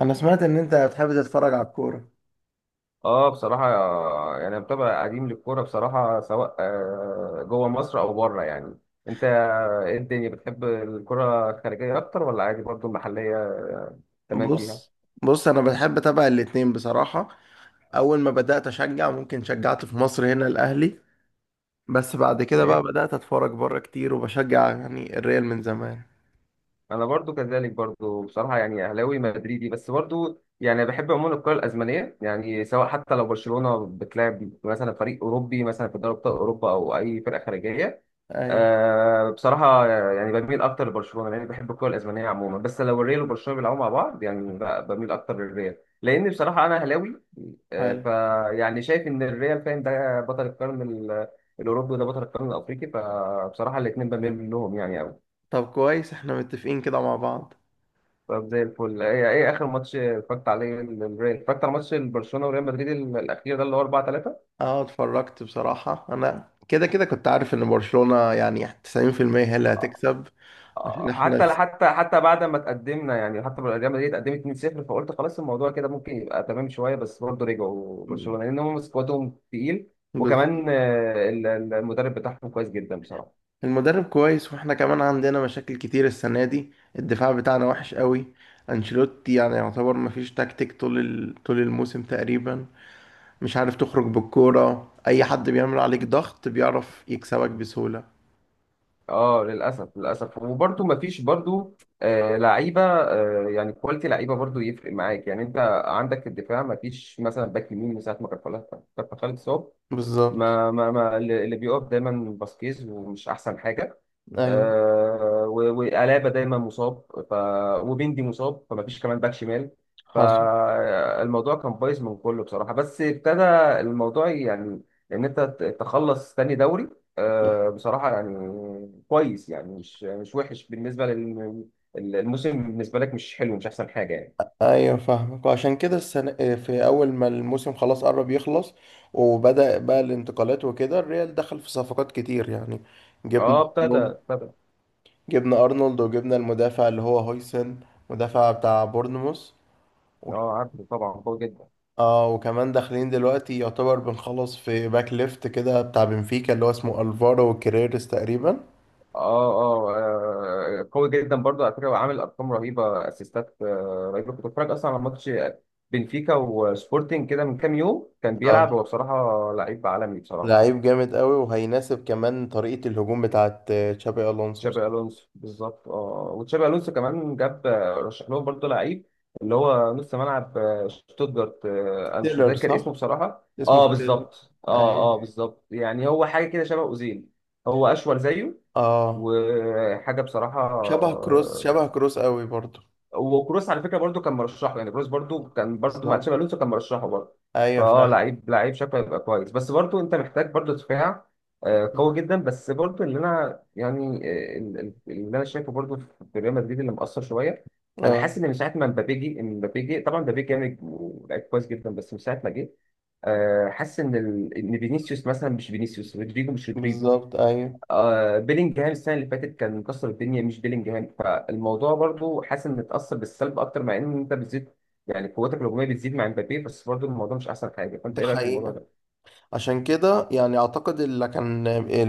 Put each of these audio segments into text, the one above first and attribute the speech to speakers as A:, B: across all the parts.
A: انا سمعت ان انت بتحب تتفرج على الكوره.
B: اه، بصراحة يعني أنا متابع قديم للكورة بصراحة، سواء جوه مصر أو بره يعني. أنت إيه؟ الدنيا بتحب الكرة الخارجية أكتر ولا عادي برضو المحلية؟ تمام فيها.
A: بص، بص انا بحب اتابع الاتنين بصراحه. اول ما بدات اشجع ممكن شجعت في مصر هنا الاهلي، بس بعد كده بقى
B: تمام،
A: بدات اتفرج بره كتير وبشجع الريال من زمان.
B: أنا برضو كذلك برضو بصراحة. يعني أهلاوي مدريدي، بس برضو يعني بحب عموما الكرة الأسبانية، يعني سواء حتى لو برشلونة بتلعب مثلا فريق أوروبي مثلا في دوري أبطال أوروبا أو أي فرقة خارجية.
A: ايوه.
B: أه بصراحة يعني بميل أكتر لبرشلونة لأني بحب الكرة الأسبانية عموما، بس لو الريال وبرشلونة بيلعبوا مع بعض، يعني بميل أكتر للريال، لأن بصراحة أنا أهلاوي. أه.
A: حلو.
B: فيعني شايف إن الريال، فاهم، ده بطل القرن الأوروبي، وده بطل القرن الأفريقي، فبصراحة الاتنين بميل لهم يعني أوي.
A: طب كويس احنا متفقين كده مع بعض.
B: طب زي الفل. إيه, إيه آخر ماتش اتفرجت عليه للريال؟ اتفرجت على ماتش برشلونة وريال مدريد الأخير ده اللي هو 4-3.
A: اه اتفرجت بصراحه، انا كده كده كنت عارف ان برشلونه يعني 90% هي اللي هتكسب، عشان احنا.
B: حتى بعد ما تقدمنا يعني، حتى لما ريال مدريد اتقدمت 2-0، فقلت خلاص الموضوع كده ممكن يبقى تمام شويه، بس برضه رجعوا
A: س-
B: برشلونه لان هم سكوادهم تقيل. وكمان المدرب بتاعهم كويس جدا بصراحه.
A: المدرب كويس واحنا كمان عندنا مشاكل كتير السنة دي. الدفاع بتاعنا وحش قوي. انشيلوتي يعتبر مفيش تكتيك طول طول الموسم تقريبا. مش عارف تخرج بالكورة، اي حد بيعمل عليك ضغط بيعرف يكسبك بسهولة.
B: اه، للاسف للاسف. وبرضه ما فيش برضه لعيبه، يعني كواليتي لعيبه برضه يفرق معاك. يعني انت عندك في الدفاع ما فيش مثلا باك يمين من ساعه ما كارفاخال، كارفاخال اتصاب.
A: بالظبط.
B: ما اللي بيقف دايما باسكيز، ومش احسن حاجه.
A: ايوه.
B: وألابا دايما مصاب، ف، وبيندي مصاب، فما فيش كمان باك شمال.
A: حصل.
B: فالموضوع كان بايظ من كله بصراحه. بس ابتدى الموضوع يعني ان انت تخلص تاني دوري، آه بصراحه يعني كويس، يعني مش وحش بالنسبه للموسم. بالنسبه لك مش حلو، مش احسن حاجه يعني.
A: ايوه فاهمك، وعشان كده السنة في اول ما الموسم خلاص قرب يخلص وبدأ بقى الانتقالات وكده، الريال دخل في صفقات كتير
B: اه،
A: جبنا،
B: ابتدى.
A: جبنا ارنولد وجبنا المدافع اللي هو هويسن، مدافع بتاع بورنموث و-
B: اه عارفه طبعا، قوي جدا.
A: اه. وكمان داخلين دلوقتي يعتبر بنخلص في باك ليفت كده بتاع بنفيكا اللي هو اسمه الفارو كريرس تقريبا.
B: اه اه. قوي جدا برضو على فكره، وعامل ارقام رهيبه، اسيستات رهيبه. كنت بتفرج اصلا على ماتش بنفيكا وسبورتنج كده من كام يوم، كان بيلعب
A: اه،
B: هو، بصراحه لعيب عالمي بصراحه.
A: لعيب جامد قوي وهيناسب كمان طريقة الهجوم بتاعت تشابي الونسو.
B: تشابي الونسو بالظبط. اه وتشابي الونسو كمان جاب، رشح لهم برضو لعيب، اللي هو نص ملعب شتوتجارت. انا مش
A: ستيلر
B: متذكر اسمه
A: صح،
B: بصراحه.
A: اسمه
B: اه
A: ستيلر.
B: بالظبط. اه اه
A: ايوه.
B: بالظبط. يعني هو حاجه كده شبه اوزيل. هو اشول زيه
A: اه،
B: وحاجه بصراحه.
A: شبه كروس، شبه كروس قوي برضه.
B: وكروس على فكره برضو كان مرشحه، يعني كروس برضو كان برضو مع
A: بالظبط.
B: تشابي الونسو كان مرشحه برضو.
A: ايوه
B: فاه،
A: فعلا.
B: لعيب، لعيب شكله هيبقى كويس، بس برضو انت محتاج برضو دفاع قوي جدا. بس برضو اللي انا يعني اللي انا شايفه برضو في ريال مدريد اللي مأثر شويه، انا
A: اه
B: حاسس ان من ساعه ما مبابي جه، إن مبابي جه، طبعا مبابي جامد ولعيب كويس جدا، بس من ساعه ما جه حاسس ان ان فينيسيوس مثلا مش فينيسيوس، رودريجو مش رودريجو،
A: بالظبط. ايوه.
B: آه بيلينجهام السنه اللي فاتت كان مكسر الدنيا، مش بيلينجهام. فالموضوع برضو حاسس انه اتاثر بالسلب اكتر، مع ان انت بتزيد يعني قوتك الهجوميه بتزيد مع امبابي، بس برضو الموضوع مش احسن حاجه. فانت
A: ده
B: ايه رايك في الموضوع
A: حقيقة،
B: ده؟
A: عشان كده يعني اعتقد اللي كان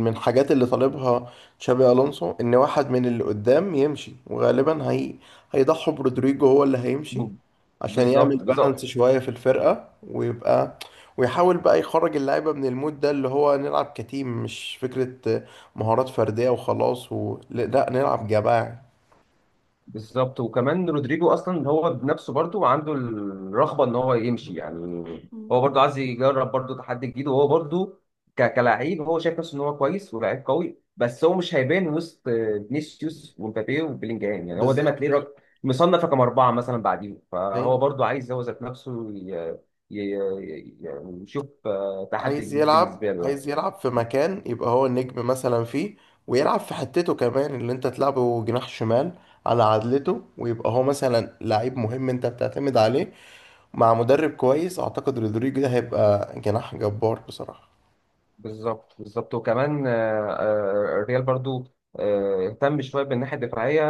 A: من الحاجات اللي طالبها تشابي الونسو ان واحد من اللي قدام يمشي، وغالبا هي هيضحوا برودريجو، هو اللي هيمشي،
B: ب-
A: عشان يعمل
B: بالظبط
A: بالانس
B: بالظبط
A: شوية في الفرقة ويبقى، ويحاول بقى يخرج اللعيبة من المود ده اللي هو نلعب كتيم، مش فكرة مهارات فردية وخلاص لا نلعب جماعي.
B: بالظبط. وكمان رودريجو اصلا هو بنفسه برضه عنده الرغبه ان هو يمشي يعني. هو برضه عايز يجرب برضه تحدي جديد، وهو برضه كلاعب هو شايف نفسه ان هو كويس ولاعيب قوي، بس هو مش هيبان وسط فينيسيوس ومبابي وبيلينجهام. يعني هو دايما تلاقيه
A: بالظبط.
B: مصنف رقم 4 مثلا بعديهم، فهو
A: أيوه.
B: برضه عايز هو ذات نفسه ي- يعني يشوف تحدي
A: عايز
B: جديد
A: يلعب،
B: بالنسبه له يعني.
A: عايز يلعب في مكان يبقى هو النجم مثلا فيه، ويلعب في حتته كمان اللي انت تلعبه جناح شمال على عدلته، ويبقى هو مثلا لعيب مهم انت بتعتمد عليه. مع مدرب كويس اعتقد رودريجو ده هيبقى جناح جبار بصراحة.
B: بالظبط بالظبط. وكمان الريال برضه اهتم شويه بالناحيه الدفاعيه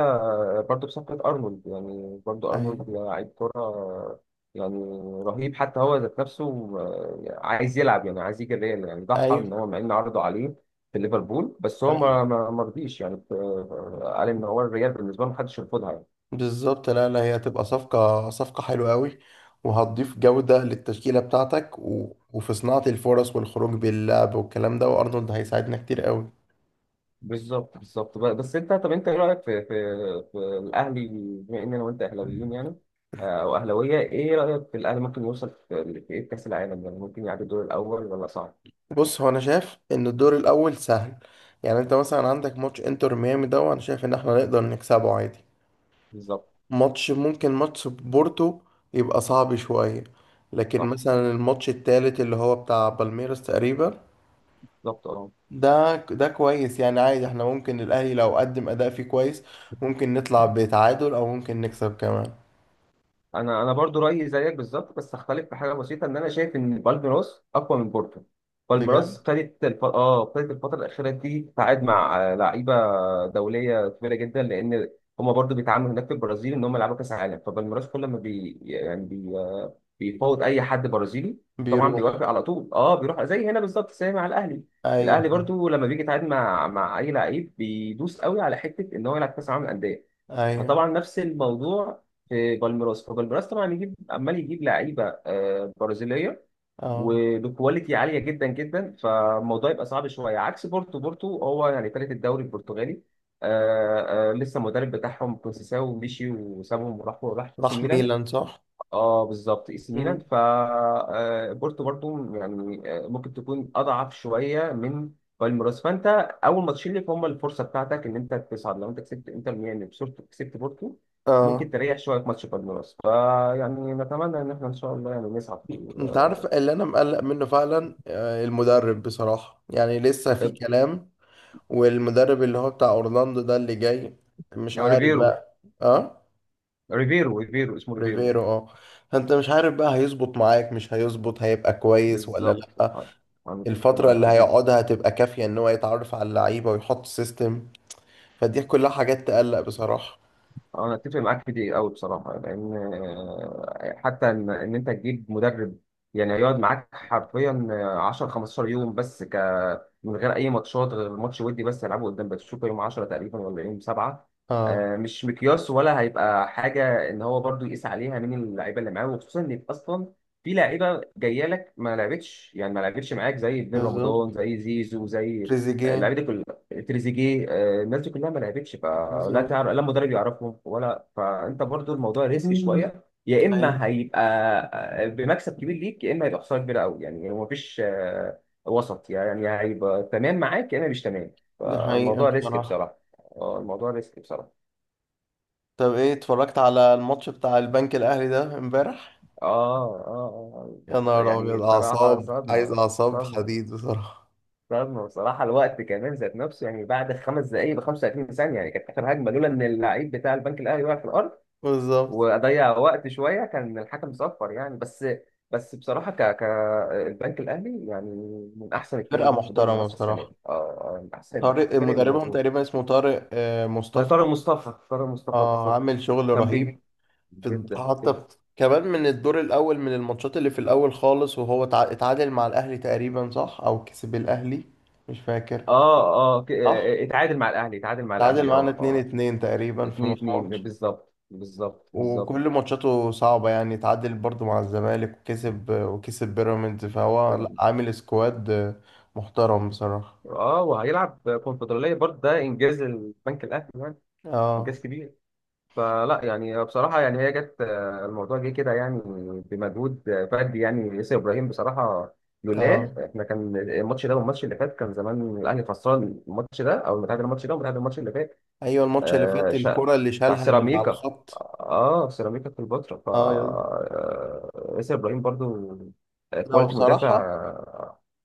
B: برضه بصفقة أرنولد. يعني برضه
A: ايوه.
B: أرنولد لعيب كرة يعني رهيب. حتى هو ذات نفسه عايز يلعب، يعني عايز يجي الريال، يعني ضحى
A: ايوه.
B: إن هو، مع إن عرضوا عليه في ليفربول، بس هو
A: ايوه.
B: ما رضيش يعني. قال إن هو الريال بالنسبة له محدش يرفضها يعني.
A: بالظبط، لا لا، هي هتبقى صفقة، صفقة حلوة قوي وهتضيف جودة للتشكيلة بتاعتك وفي صناعة الفرص والخروج باللعب والكلام ده، وارنولد هيساعدنا كتير قوي.
B: بالظبط بالظبط. بس أنت، طب أنت إيه رأيك في في في الأهلي، بما إن أنا وأنت أهلاويين يعني أو أهلاوية؟ إيه رأيك في الأهلي؟ ممكن يوصل في في إيه في كأس العالم؟ يعني ممكن يعدي الدور الأول ولا صعب؟
A: بص، هو انا شايف ان الدور الاول سهل. يعني انت مثلا عندك ماتش انتر ميامي ده، وانا شايف ان احنا نقدر نكسبه عادي.
B: بالظبط.
A: ماتش، ممكن ماتش بورتو يبقى صعب شوية. لكن
B: صح.
A: مثلا الماتش التالت اللي هو بتاع بالميراس تقريبا،
B: بالظبط أه.
A: ده ده كويس. يعني عادي احنا ممكن الاهلي لو قدم اداء فيه كويس ممكن نطلع بتعادل او ممكن نكسب كمان.
B: انا انا برضو رايي زيك بالظبط، بس اختلف في حاجه بسيطه، ان انا شايف ان بالميراس اقوى من بورتو.
A: بجد.
B: بالميراس ابتدت الف... اه ابتدت الفتره الاخيره دي تتعاقد مع لعيبه دوليه كبيره جدا، لان هما برضو بيتعاملوا هناك في البرازيل ان هم يلعبوا كاس عالم. فبالميراس كل ما بي يعني بي... آه، بيفاوض اي حد برازيلي، طبعا
A: بيروح.
B: بيوافق على طول. اه بيروح، زي هنا بالظبط، زي مع الاهلي.
A: ايوه
B: الاهلي
A: فاهم.
B: برضو لما بيجي يتعاقد مع اي لعيب، بيدوس قوي على حته ان هو يلعب كاس العالم للانديه.
A: ايوه.
B: فطبعا نفس الموضوع في بالميراس. فبالميراس طبعا يجيب، عمال يجيب لعيبه برازيليه،
A: اه.
B: وبكواليتي عاليه جدا جدا. فالموضوع يبقى صعب شويه، عكس بورتو. بورتو هو يعني ثالث الدوري البرتغالي، لسه المدرب بتاعهم كونسيساو مشي وسابهم، وراح، راح اي سي
A: راح
B: ميلان.
A: ميلان صح.
B: اه بالظبط، اي سي ميلان.
A: مم.
B: ف بورتو برضو يعني ممكن تكون اضعف شويه من بالميراس. فانت اول ماتشين ليك هم الفرصه بتاعتك ان انت تصعد. لو انت كسبت انتر ميامي بصورة، كسبت بورتو،
A: اه.
B: ممكن تريح شويه في ماتش بالميراس. فيعني نتمنى ان احنا ان شاء الله يعني نصعد في
A: انت عارف اللي انا مقلق منه فعلا، المدرب بصراحة، يعني لسه في كلام. والمدرب اللي هو بتاع اورلاندو ده اللي جاي، مش عارف، ريفيرا
B: ريفيرو،
A: بقى، اه
B: ريفيرو، ريفيرو اسمه ريفيرو.
A: ريفيرو، اه. فانت مش عارف بقى هيظبط معاك، مش هيظبط، هيبقى كويس ولا
B: بالظبط.
A: لا.
B: آه، انا كنت
A: الفترة
B: معاك
A: اللي
B: في دي.
A: هيقعدها هتبقى كافية ان هو يتعرف على اللعيبة ويحط سيستم؟ فدي كلها حاجات تقلق بصراحة.
B: انا اتفق معاك في دي قوي بصراحه، لان حتى ان إن انت تجيب مدرب يعني يقعد معاك حرفيا 10 15 يوم، بس من غير اي ماتشات، غير ماتش ودي بس يلعبه قدام باتشوكا يوم 10 تقريبا ولا يوم 7،
A: اه.
B: مش مقياس ولا هيبقى حاجه ان هو برضو يقيس عليها مين اللعيبه اللي معاه. وخصوصا ان اصلا في لعيبه جايه لك ما لعبتش، يعني ما لعبتش معاك، زي ابن
A: بالظبط.
B: رمضان زي زيزو زي آه،
A: تريزيجيه.
B: اللعيبه دي تريزيجيه، الناس دي كلها ما لعبتش، فلا
A: بالظبط.
B: تعرف لا مدرب يعرفهم ولا، فانت برضو الموضوع ريسكي شويه. يا اما
A: ايوه.
B: هيبقى بمكسب كبير ليك، يا اما هيبقى خساره كبيره قوي يعني. هو مفيش وسط يعني، هيبقى تمام معاك يا اما مش تمام.
A: ده حقيقة
B: فالموضوع ريسك
A: بصراحة.
B: بصراحه. اه الموضوع ريسك بصراحه.
A: طب ايه، اتفرجت على الماتش بتاع البنك الاهلي ده امبارح؟
B: اه اه.
A: يا نهار
B: يعني
A: ابيض،
B: بصراحه
A: اعصاب، عايز
B: صدمه،
A: اعصاب
B: صدمه
A: حديد بصراحه.
B: صدمه بصراحه. الوقت كمان ذات نفسه، يعني بعد 5 دقائق ب 35 ثانيه، يعني كانت اخر هجمه. لولا ان اللعيب بتاع البنك الاهلي وقع في الارض
A: بالظبط.
B: واضيع وقت شويه، كان الحكم صفر يعني. بس بس بصراحه، ك ك البنك الاهلي يعني من احسن الفرق اللي
A: فرقه
B: موجود في الدوري
A: محترمه
B: المصري السنه
A: بصراحه.
B: دي. اه، من احسن
A: طارق
B: الفرق اللي
A: مدربهم
B: موجوده.
A: تقريبا، اسمه طارق
B: ما
A: مصطفى.
B: طارق مصطفى، طارق مصطفى
A: اه،
B: بالظبط.
A: عامل شغل
B: كان
A: رهيب.
B: بيه
A: في،
B: جدا
A: حتى
B: جدا.
A: كمان من الدور الاول، من الماتشات اللي في الاول خالص وهو اتعادل مع الاهلي تقريبا، صح؟ او كسب الاهلي، مش فاكر.
B: اه اه.
A: صح،
B: اتعادل مع الاهلي اتعادل مع
A: اتعادل
B: الاهلي اه
A: معانا 2
B: اه.
A: 2 تقريبا في
B: 2-2
A: ماتش.
B: بالظبط بالظبط بالظبط.
A: وكل ماتشاته صعبة، يعني اتعادل برضو مع الزمالك وكسب، وكسب بيراميدز، فهو لأ، عامل سكواد محترم بصراحة.
B: اه وهيلعب كونفدراليه برضه، ده انجاز البنك الاهلي، يعني
A: اه.
B: انجاز كبير. فلا يعني بصراحة يعني هي جت الموضوع جه كده يعني بمجهود فردي، يعني ياسر إبراهيم بصراحة.
A: اه.
B: لولا احنا كان الماتش ده والماتش اللي فات كان زمان الأهلي خسران الماتش ده، أو متعادل الماتش ده ومتعادل الماتش اللي فات.
A: ايوه، الماتش اللي
B: آه
A: فات
B: شا-
A: الكرة اللي
B: بتاع
A: شالها من على
B: سيراميكا.
A: الخط.
B: اه سيراميكا كليوباترا. ف
A: اه. يلا.
B: ياسر إبراهيم برضو
A: لا
B: كواليتي
A: بصراحة،
B: مدافع.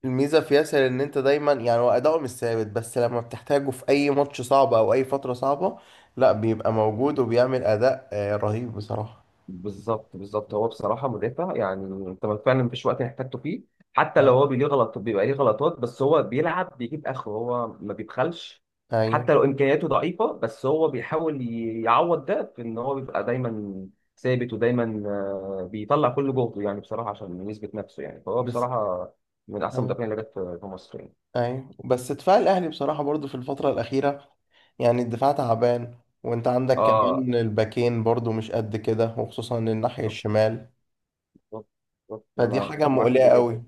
A: الميزة في ياسر ان انت دايما، يعني هو اداؤه مش ثابت بس لما بتحتاجه في اي ماتش صعب او اي فترة صعبة، لا بيبقى موجود وبيعمل اداء رهيب بصراحة.
B: بالظبط بالظبط. هو بصراحة مدافع يعني انت فعلا مفيش وقت احتاجته فيه. حتى لو
A: اه.
B: هو ليه غلط، بيبقى ليه غلطات، بس هو بيلعب بيجيب اخره، هو ما بيبخلش.
A: ايوه.
B: حتى لو امكانياته ضعيفة، بس هو بيحاول يعوض ده في ان هو بيبقى دايما ثابت، ودايما بيطلع كل جهده يعني، بصراحة عشان يثبت نفسه يعني. فهو
A: بس
B: بصراحة من احسن
A: آه.
B: المدافعين اللي جت في في مصر يعني.
A: ايوه بس دفاع الاهلي بصراحه برضو في الفتره الاخيره، يعني الدفاع تعبان، وانت عندك
B: اه
A: كمان الباكين برضو مش قد كده، وخصوصا الناحيه الشمال.
B: بالظبط بالظبط.
A: فدي
B: انا
A: حاجه
B: اتفق معاك في
A: مقلقه
B: دي جدا،
A: قوي.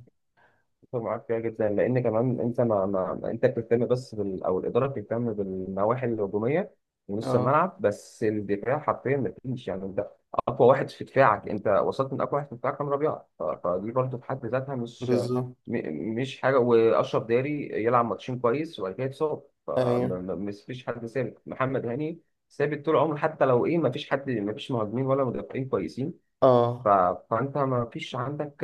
B: اتفق معاك فيها جدا، لان كمان انت انت بتهتم بس بال... او الاداره بتهتم بالنواحي الهجوميه ونص
A: اه.
B: الملعب، بس الدفاع حرفيا ما فيش يعني. انت اقوى واحد في دفاعك، انت وصلت من اقوى واحد في دفاعك كان ربيعه، فدي برضه في حد ذاتها
A: بالظبط.
B: مش حاجه. واشرف داري يلعب ماتشين كويس وبعد كده يتصاب،
A: ايوه.
B: فمش فيش حد ثابت. محمد هاني ثابت طول عمره، حتى لو ايه. ما فيش حد، ما فيش مهاجمين ولا مدافعين كويسين. ف...
A: اه.
B: فانت ما فيش عندك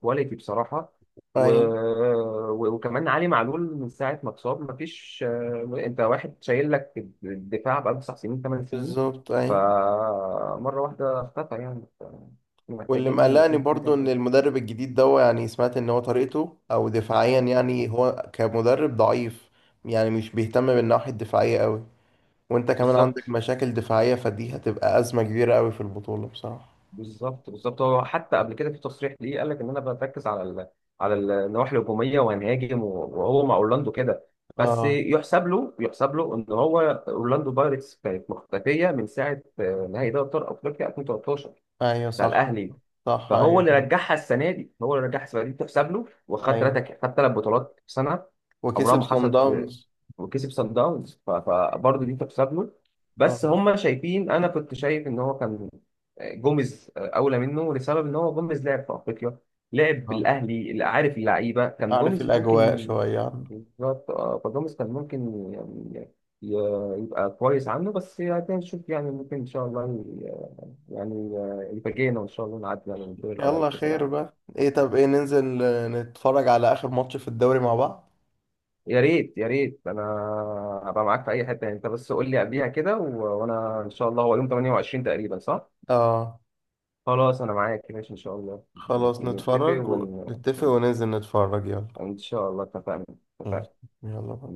B: كواليتي بصراحه. و...
A: ايوه.
B: وكمان علي معلول من ساعه ما اتصاب ما فيش انت واحد شايل لك الدفاع بقاله 9 سنين 8 سنين.
A: بالظبط. ايوه.
B: فمره واحده اختفى يعني.
A: واللي
B: محتاجين
A: مقلقني
B: يكون في
A: برضو ان
B: بقى-
A: المدرب الجديد ده، يعني سمعت ان هو طريقته او دفاعيا يعني هو كمدرب ضعيف، يعني مش بيهتم بالناحيه الدفاعيه قوي، وانت كمان عندك
B: بالظبط
A: مشاكل دفاعيه، فدي هتبقى ازمه كبيره قوي في البطوله بصراحه.
B: بالظبط بالظبط. هو حتى قبل كده في تصريح ليه قال لك ان انا بركز على على النواحي الهجوميه وهنهاجم، وهو مع اورلاندو كده. بس
A: اه.
B: يحسب له، يحسب له ان هو، اورلاندو بايرتس كانت مختفيه من ساعه نهائي دوري ابطال افريقيا 2013
A: ايوه
B: بتاع
A: صح.
B: الاهلي.
A: صح
B: فهو
A: ايوه
B: اللي
A: فاكر.
B: رجعها السنه دي، هو اللي رجعها السنه دي تحسب له. وخد
A: ايوه
B: ثلاثه، خد 3 بطولات في سنه عمرها
A: وكسب
B: ما
A: صن
B: حصلت في،
A: داونز.
B: وكسب سان داونز، فبرضه دي تحسب له.
A: اه.
B: بس هم شايفين، انا كنت شايف ان هو كان جوميز اولى منه، لسبب ان هو جوميز لعب في افريقيا، لعب
A: اه،
B: بالاهلي، اللي عارف اللعيبه كان
A: عارف
B: جوميز
A: الاجواء
B: ممكن.
A: شويه عنه.
B: بالظبط اه، فجوميز كان ممكن يعني يبقى كويس عنه. بس يعني هنشوف يعني، ممكن ان شاء الله يعني الفجينا، وان شاء الله نعدي على الدور الاول في
A: يلا
B: كاس
A: خير
B: العالم.
A: بقى. ايه طب، ايه ننزل نتفرج على اخر ماتش في الدوري مع بعض؟
B: يا ريت يا ريت، انا هبقى معاك في اي حته يعني. انت بس قول لي قبليها كده، وانا ان شاء الله. هو يوم 28 تقريبا صح؟
A: اه.
B: خلاص انا معاك ماشي ان شاء الله.
A: خلاص
B: نتفق
A: نتفرج ونتفق وننزل نتفرج، يلا.
B: ان شاء الله. اتفقنا،
A: مم.
B: اتفقنا.
A: يلا بقى.